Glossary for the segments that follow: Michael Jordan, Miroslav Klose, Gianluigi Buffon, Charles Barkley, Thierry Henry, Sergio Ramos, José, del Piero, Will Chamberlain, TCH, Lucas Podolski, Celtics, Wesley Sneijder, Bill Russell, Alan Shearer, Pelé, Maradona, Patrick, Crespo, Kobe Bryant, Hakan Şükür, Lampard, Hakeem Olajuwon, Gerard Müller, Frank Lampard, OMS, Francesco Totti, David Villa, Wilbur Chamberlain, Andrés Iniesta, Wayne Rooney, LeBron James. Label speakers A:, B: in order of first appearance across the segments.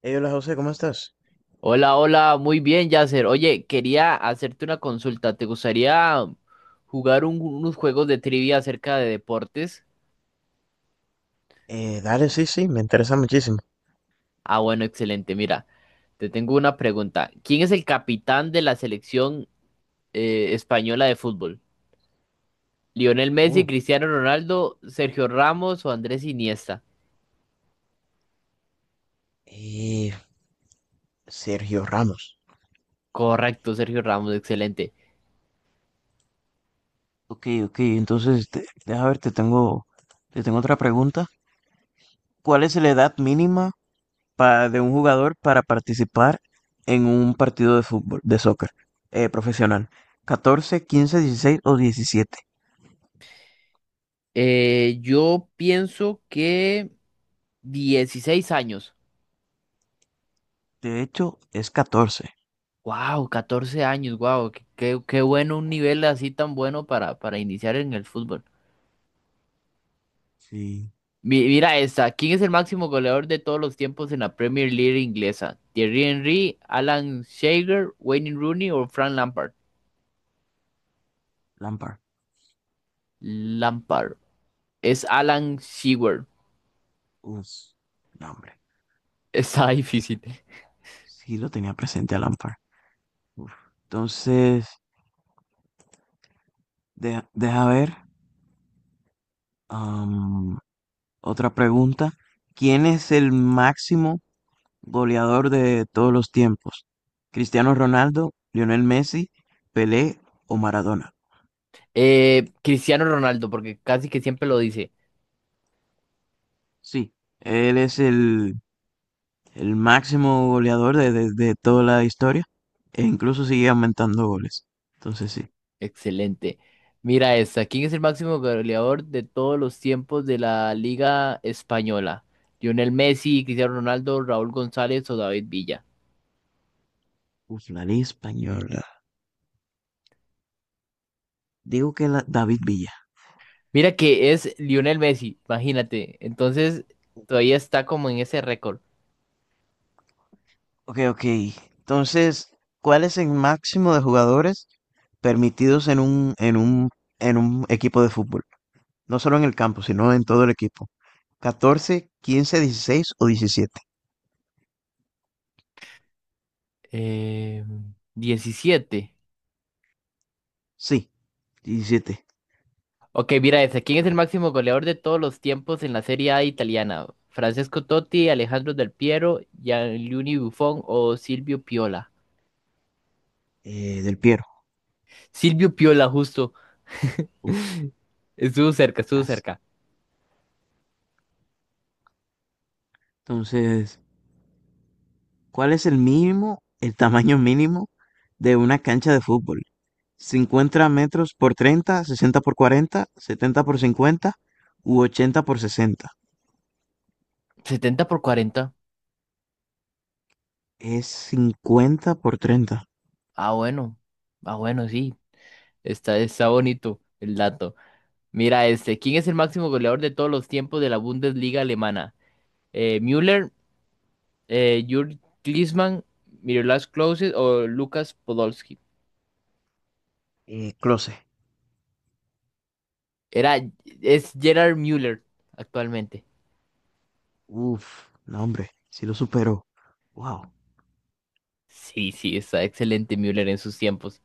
A: Hey, hola José, ¿cómo estás?
B: Hola, hola, muy bien, Yasser. Oye, quería hacerte una consulta. ¿Te gustaría jugar unos juegos de trivia acerca de deportes?
A: Dale, sí, sí, me interesa muchísimo.
B: Ah, bueno, excelente. Mira, te tengo una pregunta. ¿Quién es el capitán de la selección española de fútbol? ¿Lionel
A: Uh,
B: Messi, Cristiano Ronaldo, Sergio Ramos o Andrés Iniesta?
A: eh, Sergio Ramos.
B: Correcto, Sergio Ramos, excelente.
A: Ok, ok, entonces deja ver, te tengo otra pregunta. ¿Cuál es la edad mínima de un jugador para participar en un partido de fútbol, de soccer, profesional? Catorce, quince, dieciséis o diecisiete.
B: Yo pienso que 16 años.
A: De hecho, es catorce.
B: Wow, 14 años, wow, qué, qué bueno un nivel así tan bueno para iniciar en el fútbol.
A: Sí,
B: Mira esta, ¿quién es el máximo goleador de todos los tiempos en la Premier League inglesa? ¿Thierry Henry, Alan Shearer, Wayne Rooney o Frank Lampard?
A: Lampard.
B: Lampard. Es Alan Shearer.
A: Uf, no, hombre.
B: Está difícil.
A: Sí lo tenía presente a Lampard. Uf. Entonces, deja ver. am, otra pregunta. ¿Quién es el máximo goleador de todos los tiempos? ¿Cristiano Ronaldo, Lionel Messi, Pelé o Maradona?
B: Cristiano Ronaldo, porque casi que siempre lo dice.
A: Sí, él es el máximo goleador de toda la historia e incluso sigue aumentando goles. Entonces sí.
B: Excelente. Mira esta. ¿Quién es el máximo goleador de todos los tiempos de la Liga Española? ¿Lionel Messi, Cristiano Ronaldo, Raúl González o David Villa?
A: Uf, la ley española. Digo que la, David Villa.
B: Mira que es Lionel Messi, imagínate. Entonces, todavía está como en ese récord.
A: Ok, ok. Entonces, ¿cuál es el máximo de jugadores permitidos en un equipo de fútbol? No solo en el campo, sino en todo el equipo. Catorce, quince, dieciséis o diecisiete.
B: Eh, 17.
A: Sí, diecisiete.
B: Ok, mira esta. ¿Quién es el
A: Correcto.
B: máximo goleador de todos los tiempos en la Serie A italiana? ¿Francesco Totti, Alejandro Del Piero, Gianluigi Buffon o Silvio Piola?
A: Del Piero.
B: Silvio Piola, justo.
A: Uf,
B: Estuvo cerca, estuvo
A: casi.
B: cerca.
A: Entonces, ¿cuál es el mínimo, el tamaño mínimo de una cancha de fútbol? 50 metros por 30, 60 por 40, 70 por 50 u 80 por 60.
B: Setenta por cuarenta.
A: Es 50 por treinta.
B: Ah, bueno. Ah, bueno, sí. Está bonito el dato. Mira este. ¿Quién es el máximo goleador de todos los tiempos de la Bundesliga alemana? Müller, Jürgen Klinsmann, Miroslav Klose o Lucas Podolski.
A: Closet.
B: Era, es Gerard Müller actualmente.
A: Uf, no, hombre, sí lo superó. Wow,
B: Sí, sí, está excelente Müller en sus tiempos.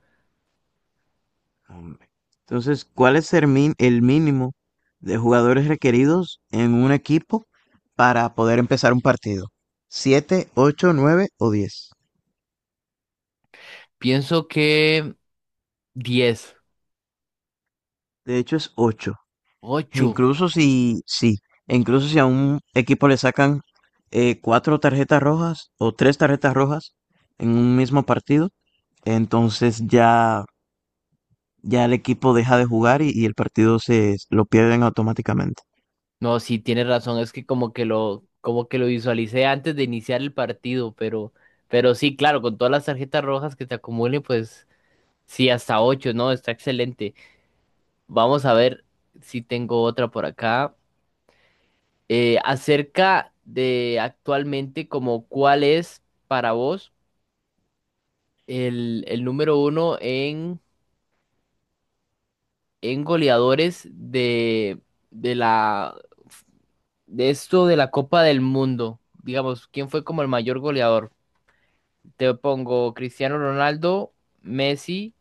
A: hombre. Entonces, ¿cuál es el mínimo de jugadores requeridos en un equipo para poder empezar un partido? Siete, 8, 9 o diez.
B: Pienso que diez.
A: De hecho, es ocho. E
B: Ocho.
A: incluso si, sí, e incluso si a un equipo le sacan cuatro tarjetas rojas o tres tarjetas rojas en un mismo partido, entonces ya el equipo deja de jugar y el partido se lo pierden automáticamente.
B: No, sí, tienes razón, es que como que lo visualicé antes de iniciar el partido, pero sí, claro, con todas las tarjetas rojas que te acumulen, pues sí, hasta ocho, ¿no? Está excelente. Vamos a ver si tengo otra por acá. Acerca de actualmente, como cuál es para vos el número uno en goleadores de la, de esto de la Copa del Mundo. Digamos, ¿quién fue como el mayor goleador? Te pongo Cristiano Ronaldo, Messi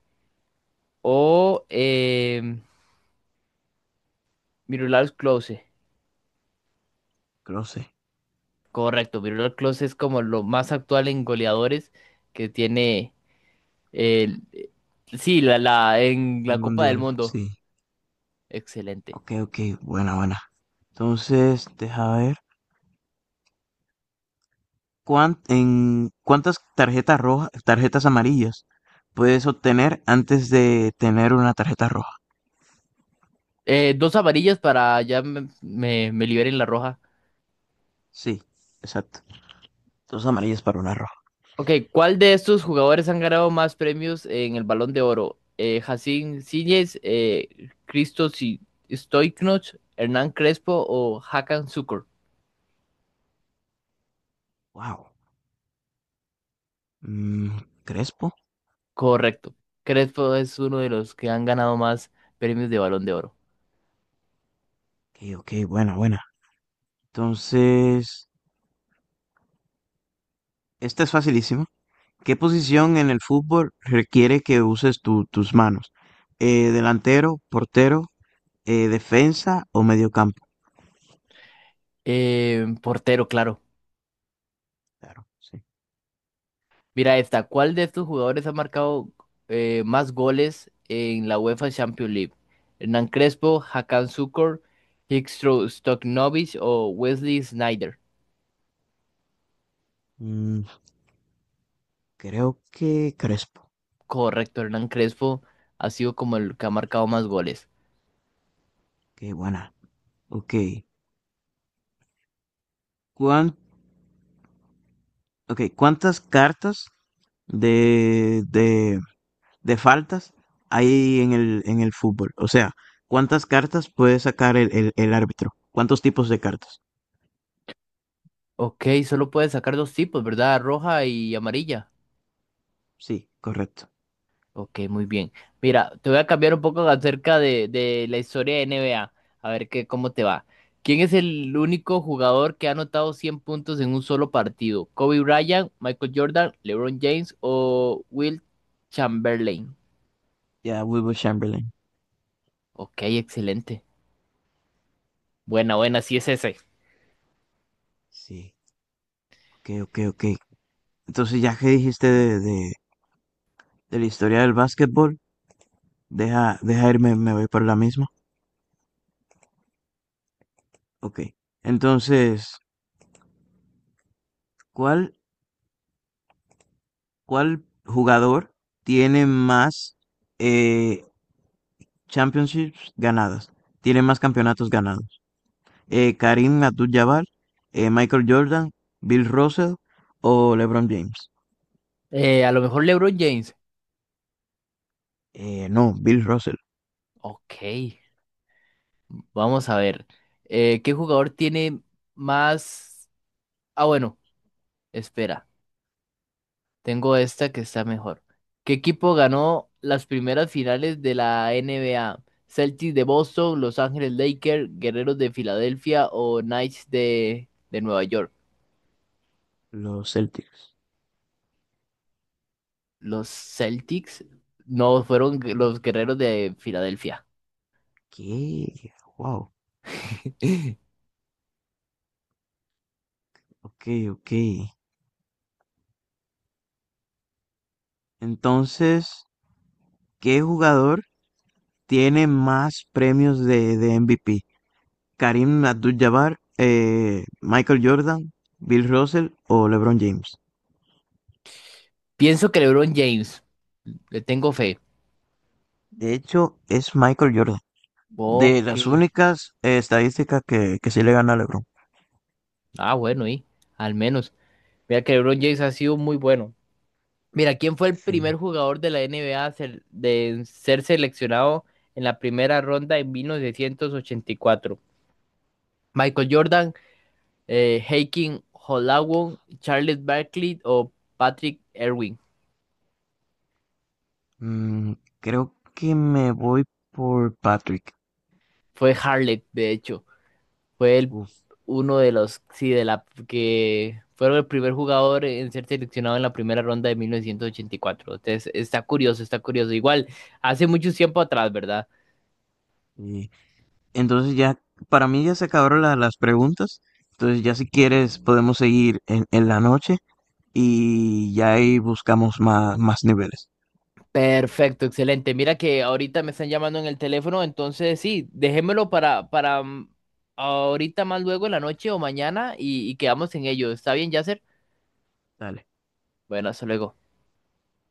B: o Miroslav Klose.
A: Creo sí.
B: Correcto, Miroslav Klose es como lo más actual en goleadores que tiene el, sí, en
A: El
B: la Copa del
A: mundial,
B: Mundo.
A: sí.
B: Excelente.
A: Ok, ok, buena, buena. Entonces, deja ver. ¿Cuántas tarjetas rojas, tarjetas amarillas puedes obtener antes de tener una tarjeta roja?
B: Dos amarillas para ya me liberen la roja.
A: Sí, exacto. Dos amarillas para una roja.
B: Ok, ¿cuál de estos jugadores han ganado más premios en el Balón de Oro? Jacín Síñez, Christos y Stoiknoch, Hernán Crespo o Hakan Sukur.
A: Wow. Crespo.
B: Correcto. Crespo es uno de los que han ganado más premios de Balón de Oro.
A: Ok, ok, buena, buena. Entonces, esta es facilísima. ¿Qué posición en el fútbol requiere que uses tus manos? Delantero, portero, defensa o mediocampo.
B: Portero, claro.
A: Claro, sí.
B: Mira esta. ¿Cuál de estos jugadores ha marcado más goles en la UEFA Champions League? ¿Hernán Crespo, Hakan Şükür, Hristo Stoichkov o Wesley Sneijder?
A: Mm, creo que Crespo.
B: Correcto, Hernán Crespo ha sido como el que ha marcado más goles.
A: Qué buena. Ok. ¿Cuán- ok, ¿Cuántas cartas de, de, de faltas hay en en el fútbol? O sea, ¿cuántas cartas puede sacar el árbitro? ¿Cuántos tipos de cartas?
B: Ok, solo puedes sacar dos tipos, ¿verdad? Roja y amarilla.
A: Sí, correcto.
B: Ok, muy bien. Mira, te voy a cambiar un poco acerca de la historia de NBA, a ver qué, cómo te va. ¿Quién es el único jugador que ha anotado 100 puntos en un solo partido? ¿Kobe Bryant, Michael Jordan, LeBron James o Will Chamberlain?
A: Ya, Wilbur Chamberlain.
B: Ok, excelente. Buena, buena, sí es ese.
A: Sí. Ok, ok, ok. Entonces, ya que dijiste de la historia del básquetbol, deja irme, me voy por la misma. Ok. Entonces, ¿cuál, ¿cuál jugador tiene más eh, championships ganadas? Tiene más campeonatos ganados. Karim Abdul-Jabbar, Michael Jordan, Bill Russell o LeBron James.
B: A lo mejor LeBron James.
A: No, Bill Russell,
B: Ok, vamos a ver. ¿Qué jugador tiene más... Ah, bueno, espera. Tengo esta que está mejor. ¿Qué equipo ganó las primeras finales de la NBA? ¿Celtics de Boston, Los Ángeles Lakers, Guerreros de Filadelfia o Knights de Nueva York?
A: los Celtics.
B: Los Celtics no fueron los Guerreros de Filadelfia.
A: ¿Qué? Wow. Ok, ok. Entonces, ¿qué jugador tiene más premios de MVP? ¿Karim Abdul-Jabbar, Michael Jordan, Bill Russell o LeBron James?
B: Pienso que LeBron James. Le tengo fe.
A: De hecho, es Michael Jordan. De
B: Ok.
A: las únicas estadísticas que sí le gana a LeBron.
B: Ah, bueno, y al menos. Mira que LeBron James ha sido muy bueno. Mira, ¿quién fue el
A: Sí.
B: primer jugador de la NBA a ser- de en ser seleccionado en la primera ronda en 1984? ¿Michael Jordan, Hakeem Olajuwon, Charles Barkley o Patrick Ewing?
A: Mm, creo que me voy por Patrick.
B: Fue Harley, de hecho. Fue el,
A: Uf,
B: uno de los, sí, que fueron el primer jugador en ser seleccionado en la primera ronda de 1984. Entonces, está curioso, está curioso. Igual, hace mucho tiempo atrás, ¿verdad?
A: sí. Entonces ya, para mí ya se acabaron las preguntas. Entonces ya si quieres podemos seguir en la noche y ya ahí buscamos más, más niveles.
B: Perfecto, excelente. Mira que ahorita me están llamando en el teléfono, entonces sí, déjemelo para ahorita más luego en la noche o mañana y quedamos en ello. ¿Está bien, Yasser?
A: Dale.
B: Bueno, hasta luego.